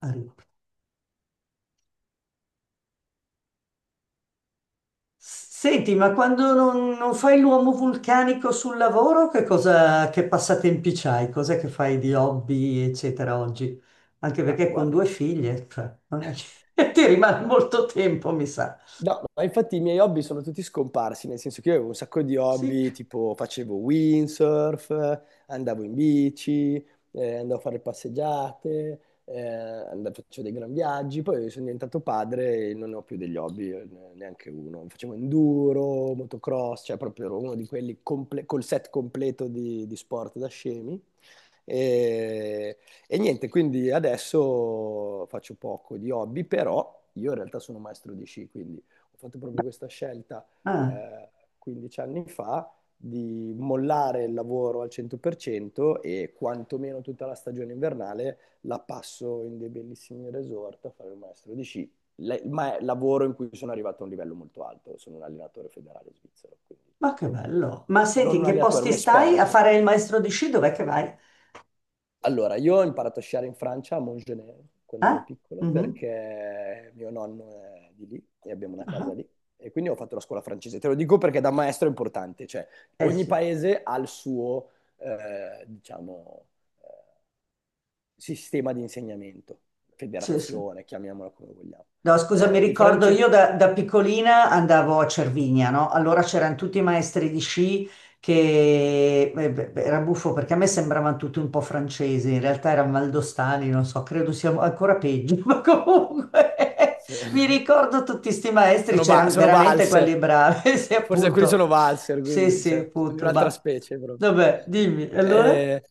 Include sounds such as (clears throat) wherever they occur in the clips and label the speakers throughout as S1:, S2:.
S1: Arrivo. Senti, ma quando non fai l'uomo vulcanico sul lavoro, che passatempi c'hai? Cos'è che fai di hobby, eccetera, oggi? Anche
S2: Ma
S1: perché con
S2: guarda,
S1: due figlie, cioè, non è che (laughs) ti rimane molto tempo, mi sa.
S2: no, ma infatti i miei hobby sono tutti scomparsi, nel senso che io avevo un sacco di
S1: Sì.
S2: hobby, tipo facevo windsurf, andavo in bici, andavo a fare passeggiate, facevo dei gran viaggi, poi sono diventato padre e non ho più degli hobby, neanche uno. Facevo enduro, motocross, cioè proprio ero uno di quelli col set completo di sport da scemi. E, e niente, quindi adesso faccio poco di hobby, però io in realtà sono maestro di sci, quindi ho fatto proprio questa scelta
S1: Ah,
S2: eh, 15 anni fa di mollare il lavoro al 100% e quantomeno tutta la stagione invernale la passo in dei bellissimi resort a fare il maestro di sci. Ma è lavoro in cui sono arrivato a un livello molto alto, sono un allenatore federale svizzero, quindi
S1: ma che
S2: penso.
S1: bello. Ma senti,
S2: Non
S1: in
S2: un
S1: che
S2: allenatore,
S1: posti
S2: un
S1: stai a
S2: esperto.
S1: fare il maestro di sci? Dov'è che vai?
S2: Allora, io ho imparato a sciare in Francia, a Montgenèvre, quando ero
S1: Ah?
S2: piccolo,
S1: Mhm.
S2: perché mio nonno è di lì e abbiamo una
S1: Ah.
S2: casa lì. E quindi ho fatto la scuola francese. Te lo dico perché da maestro è importante, cioè
S1: Eh
S2: ogni
S1: sì,
S2: paese ha il suo, diciamo, eh, sistema di insegnamento,
S1: sì, sì.
S2: federazione, chiamiamola come vogliamo.
S1: No, scusa, mi
S2: I
S1: ricordo
S2: francesi
S1: io da piccolina andavo a Cervinia, no? Allora c'erano tutti i maestri di sci che beh, era buffo perché a me sembravano tutti un po' francesi, in realtà erano valdostani, non so, credo siamo ancora peggio, (laughs) ma comunque (laughs) mi
S2: (laughs)
S1: ricordo tutti questi maestri,
S2: sono, va-
S1: c'erano
S2: sono
S1: veramente quelli
S2: valser.
S1: bravi, (laughs) sì,
S2: Forse alcuni sono
S1: appunto.
S2: valzer,
S1: Sì,
S2: quindi
S1: sì,
S2: cioè, sono di
S1: appunto,
S2: un'altra
S1: ma
S2: specie proprio.
S1: vabbè, dimmi, allora?
S2: Eh,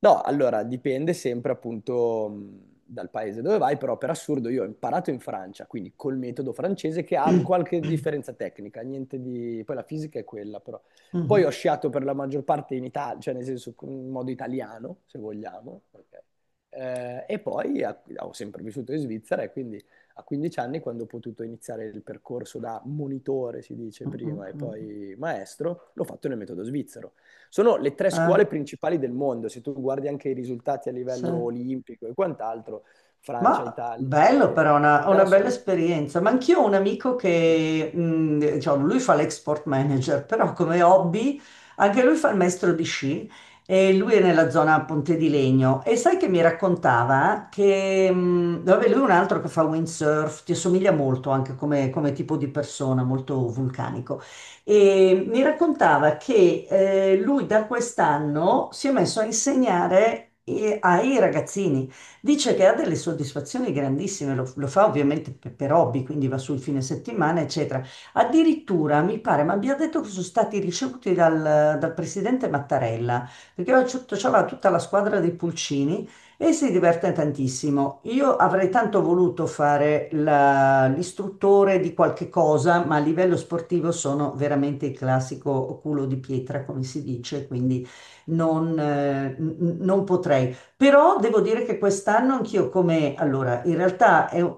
S2: no, allora dipende sempre appunto dal paese dove vai, però per assurdo io ho imparato in Francia, quindi col metodo francese che ha
S1: (clears throat)
S2: qualche differenza tecnica, niente di... poi la fisica è quella però. Poi
S1: Mhm,
S2: ho sciato per la maggior parte in Italia, cioè nel senso in modo italiano, se vogliamo, ok? Ho sempre vissuto in Svizzera e quindi a 15 anni, quando ho potuto iniziare il percorso da monitore, si dice prima,
S1: mhm,
S2: e
S1: mhm.
S2: poi maestro, l'ho fatto nel metodo svizzero. Sono le tre scuole
S1: Ah,
S2: principali del mondo, se tu guardi anche i risultati a
S1: sì.
S2: livello olimpico e quant'altro, Francia,
S1: Ma
S2: Italia
S1: bello
S2: e
S1: però, una
S2: Inghilterra
S1: bella
S2: sono...
S1: esperienza. Ma anch'io ho un amico che, diciamo, lui fa l'export manager, però come hobby anche lui fa il maestro di sci e lui è nella zona Ponte di Legno. E sai che mi raccontava che, vabbè, lui è un altro che fa windsurf, ti assomiglia molto anche come, come tipo di persona, molto vulcanico. E mi raccontava che lui da quest'anno si è messo a insegnare ai ragazzini. Dice che ha delle soddisfazioni grandissime, lo fa ovviamente per hobby, quindi va sul fine settimana, eccetera. Addirittura mi pare, ma abbia detto che sono stati ricevuti dal presidente Mattarella, perché c'aveva tutta la squadra dei Pulcini e si diverte tantissimo. Io avrei tanto voluto l'istruttore di qualche cosa, ma a livello sportivo sono veramente il classico culo di pietra, come si dice, quindi non, non potrei. Però devo dire che quest'anno anch'io come, allora, in realtà è, un-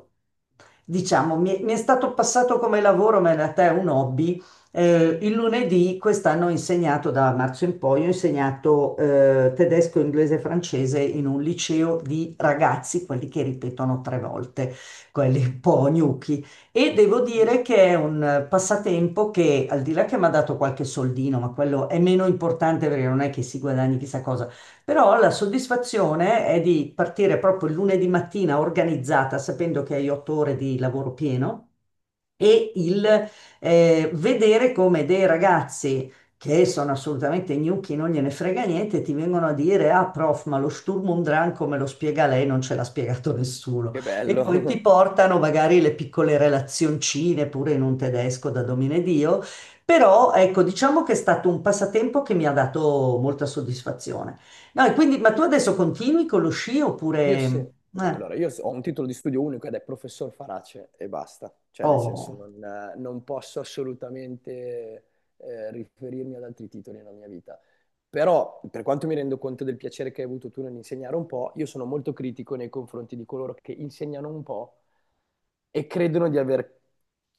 S1: diciamo, mi è stato passato come lavoro, ma in realtà è un hobby. Il lunedì quest'anno ho insegnato, da marzo in poi, ho insegnato tedesco, inglese e francese in un liceo di ragazzi, quelli che ripetono tre volte, quelli un po' gnocchi. E devo dire che è un passatempo che, al di là che mi ha dato qualche soldino, ma quello è meno importante perché non è che si guadagni chissà cosa. Però la soddisfazione è di partire proprio il lunedì mattina organizzata, sapendo che hai otto ore di lavoro pieno e il vedere come dei ragazzi che sono assolutamente gnocchi, non gliene frega niente, ti vengono a dire, ah prof, ma lo Sturm und Drang come lo spiega lei non ce l'ha spiegato (laughs) nessuno.
S2: Che
S1: E poi ti
S2: bello!
S1: portano magari le piccole relazioncine pure in un tedesco
S2: (laughs)
S1: da domine Dio, però ecco, diciamo che è stato un passatempo che mi ha dato molta soddisfazione. No, e quindi, ma tu adesso continui con lo sci
S2: Io sì,
S1: oppure...
S2: no,
S1: Eh,
S2: allora io ho un titolo di studio unico ed è professor Farace e basta, cioè nel senso
S1: oh,
S2: non posso assolutamente riferirmi ad altri titoli nella mia vita. Però per quanto mi rendo conto del piacere che hai avuto tu nell'insegnare un po', io sono molto critico nei confronti di coloro che insegnano un po' e credono di avere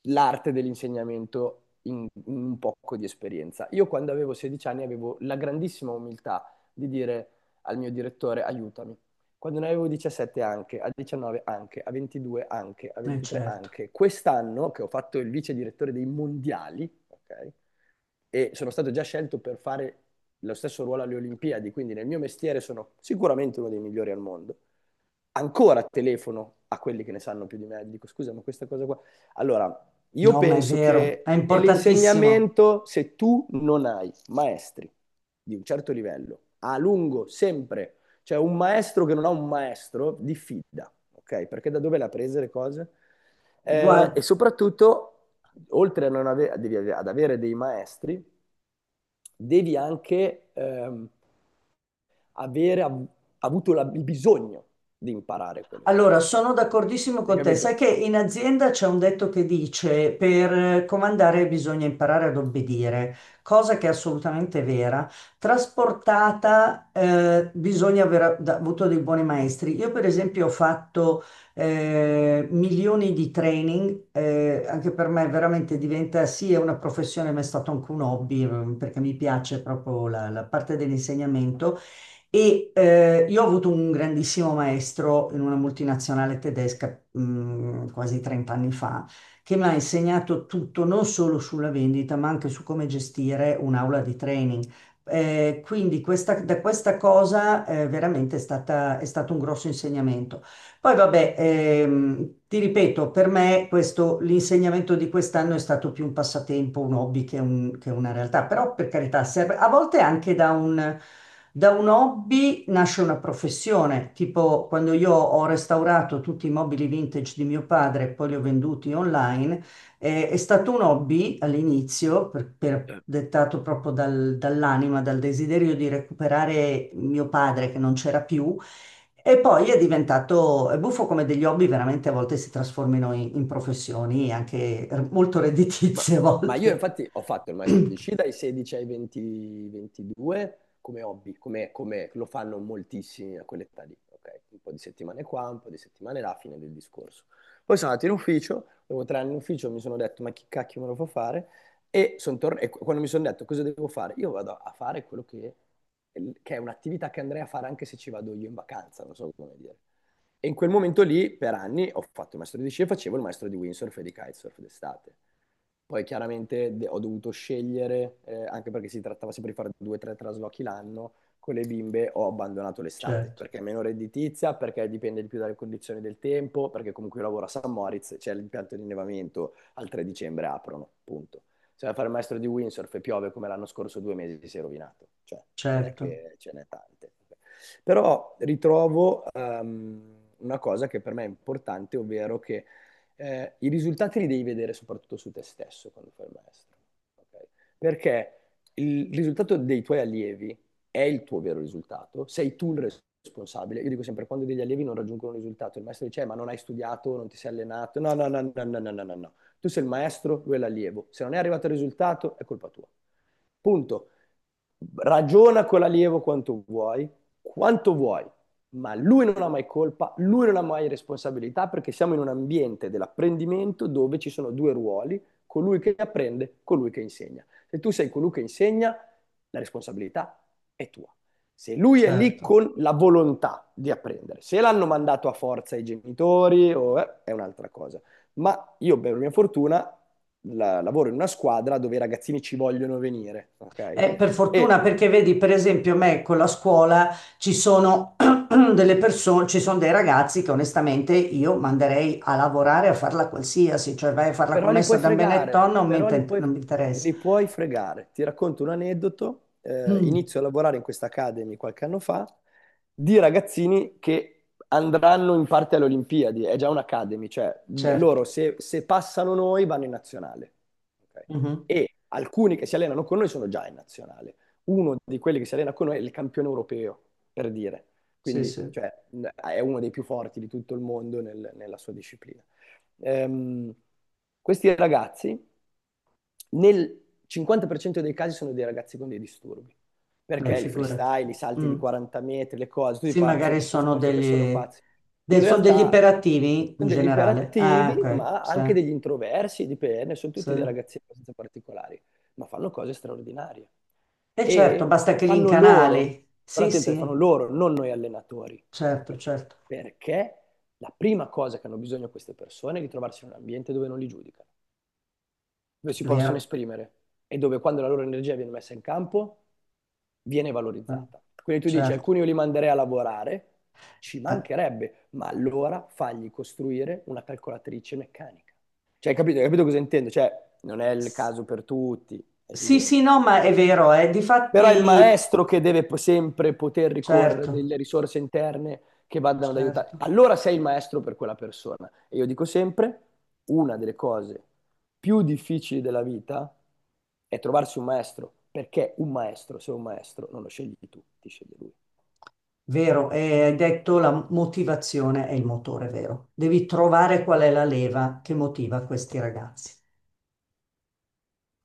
S2: l'arte dell'insegnamento in un poco di esperienza. Io quando avevo 16 anni avevo la grandissima umiltà di dire al mio direttore aiutami. Quando ne avevo 17 anche, a 19 anche, a 22 anche, a 23
S1: certo.
S2: anche. Quest'anno che ho fatto il vice direttore dei mondiali, ok? E sono stato già scelto per fare lo stesso ruolo alle Olimpiadi, quindi nel mio mestiere sono sicuramente uno dei migliori al mondo. Ancora telefono a quelli che ne sanno più di me, dico scusa, ma questa cosa qua. Allora, io
S1: No, ma è
S2: penso
S1: vero, è
S2: che
S1: importantissimo.
S2: nell'insegnamento, se tu non hai maestri di un certo livello, a lungo, sempre, cioè un maestro che non ha un maestro, diffida, ok? Perché da dove l'ha presa le cose? E
S1: Guarda,
S2: soprattutto, oltre a non ave- devi ave- ad avere dei maestri, devi anche... avere avuto il bisogno di imparare quelle
S1: allora
S2: cose.
S1: sono
S2: Ok.
S1: d'accordissimo
S2: Hai
S1: con te. Sai
S2: capito?
S1: che in azienda c'è un detto che dice per comandare bisogna imparare ad obbedire, cosa che è assolutamente vera. Trasportata, bisogna avuto dei buoni maestri. Io, per esempio, ho fatto milioni di training, anche per me veramente diventa sì, è una professione, ma è stato anche un hobby, perché mi piace proprio la parte dell'insegnamento. E io ho avuto un grandissimo maestro in una multinazionale tedesca quasi 30 anni fa, che mi ha insegnato tutto, non solo sulla vendita, ma anche su come gestire un'aula di training. Quindi da questa cosa veramente è stato un grosso insegnamento. Poi vabbè, ti ripeto, per me l'insegnamento di quest'anno è stato più un passatempo, un hobby che una realtà, però per carità serve, a volte anche da un hobby nasce una professione, tipo quando io ho restaurato tutti i mobili vintage di mio padre e poi li ho venduti online, è stato un hobby all'inizio, dettato proprio dall'anima, dal desiderio di recuperare mio padre che non c'era più e poi è diventato è buffo come degli hobby veramente a volte si trasformino in, in professioni anche molto
S2: Ma,
S1: redditizie a
S2: ma io
S1: volte.
S2: infatti ho fatto il maestro di
S1: (clears throat)
S2: sci dai 16 ai 20 22 come hobby, come lo fanno moltissimi a quell'età lì, ok? Un po' di settimane qua, un po' di settimane là, fine del discorso. Poi sono andato in ufficio, dopo 3 anni in ufficio mi sono detto ma chi cacchio me lo fa fare? E quando mi sono detto cosa devo fare, io vado a fare quello che è un'attività che andrei a fare anche se ci vado io in vacanza, non so come dire. E in quel momento lì, per anni, ho fatto il maestro di sci e facevo il maestro di windsurf e di kitesurf d'estate. Poi chiaramente ho dovuto scegliere, anche perché si trattava sempre di fare due o tre traslochi l'anno, con le bimbe ho abbandonato l'estate,
S1: Certo,
S2: perché è meno redditizia, perché dipende di più dalle condizioni del tempo, perché comunque io lavoro a San Moritz, c'è l'impianto di innevamento, al 3 dicembre aprono, punto. Se vai a fare il maestro di windsurf e piove come l'anno scorso, 2 mesi si è rovinato, cioè non è
S1: certo,
S2: che ce n'è tante. Però ritrovo una cosa che per me è importante, ovvero che i risultati li devi vedere soprattutto su te stesso quando fai il maestro. Ok? Perché il risultato dei tuoi allievi è il tuo vero risultato, sei tu il responsabile. Io dico sempre, quando degli allievi non raggiungono un risultato, il maestro dice, ma non hai studiato, non ti sei allenato. No, no, no, no, no, no, no, no, no. Tu sei il maestro, lui è l'allievo. Se non è arrivato il risultato, è colpa tua. Punto. Ragiona con l'allievo quanto vuoi, ma lui non ha mai colpa, lui non ha mai responsabilità perché siamo in un ambiente dell'apprendimento dove ci sono due ruoli, colui che apprende, colui che insegna. Se tu sei colui che insegna, la responsabilità è tua. Se lui è lì
S1: certo.
S2: con la volontà di apprendere, se l'hanno mandato a forza i genitori o, è un'altra cosa. Ma io, per mia fortuna, lavoro in una squadra dove i ragazzini ci vogliono venire, ok?
S1: Per
S2: E
S1: fortuna perché vedi, per esempio, a me con la scuola ci sono (clears throat) delle persone, ci sono dei ragazzi che onestamente io manderei a lavorare a farla qualsiasi, cioè vai a fare la
S2: però li
S1: commessa
S2: puoi
S1: da Benetton,
S2: fregare, però li puoi,
S1: non mi interessa.
S2: li puoi fregare. Ti racconto un aneddoto.
S1: Mm,
S2: Inizio a lavorare in questa Academy qualche anno fa di ragazzini che andranno in parte alle Olimpiadi. È già un'Academy, cioè
S1: certo.
S2: loro se passano noi vanno in nazionale. Ok?
S1: Mhm.
S2: E alcuni che si allenano con noi sono già in nazionale. Uno di quelli che si allena con noi è il campione europeo, per dire.
S1: Sì,
S2: Quindi,
S1: sì.
S2: cioè, è uno dei più forti di tutto il mondo nella sua disciplina. ehm, Questi ragazzi nel 50% dei casi sono dei ragazzi con dei disturbi,
S1: Beh,
S2: perché il
S1: figurati.
S2: freestyle, i salti di
S1: Mm.
S2: 40 metri, le cose, tutti
S1: Sì,
S2: partono
S1: magari
S2: dal
S1: sono
S2: presupposto che sono
S1: degli,
S2: pazzi. In
S1: sono degli
S2: realtà
S1: iperattivi in
S2: sono degli
S1: generale. Ah,
S2: iperattivi,
S1: ok,
S2: ma
S1: sì,
S2: anche degli introversi, dipende, sono
S1: sì.
S2: tutti dei ragazzi abbastanza particolari, ma fanno cose straordinarie.
S1: E certo,
S2: E
S1: basta
S2: le
S1: che li
S2: fanno loro,
S1: incanali.
S2: però
S1: Sì,
S2: attenti, le fanno
S1: sì,
S2: loro, non noi allenatori.
S1: certo,
S2: Ok?
S1: certo.
S2: Perché? La prima cosa che hanno bisogno queste persone è di trovarsi in un ambiente dove non li giudicano, dove si
S1: È
S2: possono
S1: vero,
S2: esprimere e dove quando la loro energia viene messa in campo viene
S1: eh,
S2: valorizzata. Quindi tu dici,
S1: certo.
S2: alcuni io li manderei a lavorare, ci
S1: Ah,
S2: mancherebbe, ma allora fagli costruire una calcolatrice meccanica. Cioè, hai capito cosa intendo? Cioè, non è il
S1: s-
S2: caso per tutti, è
S1: sì, sì,
S2: evidente,
S1: no, ma è vero, eh.
S2: però è il
S1: Difatti,
S2: maestro che deve sempre poter ricorrere a
S1: certo,
S2: delle risorse interne che vadano ad aiutare.
S1: certo.
S2: Allora sei il maestro per quella persona. E io dico sempre, una delle cose più difficili della vita è trovarsi un maestro, perché un maestro, se è un maestro, non lo scegli tu, ti sceglie lui.
S1: Vero, e hai detto la motivazione è il motore, vero? Devi trovare qual è la leva che motiva questi ragazzi.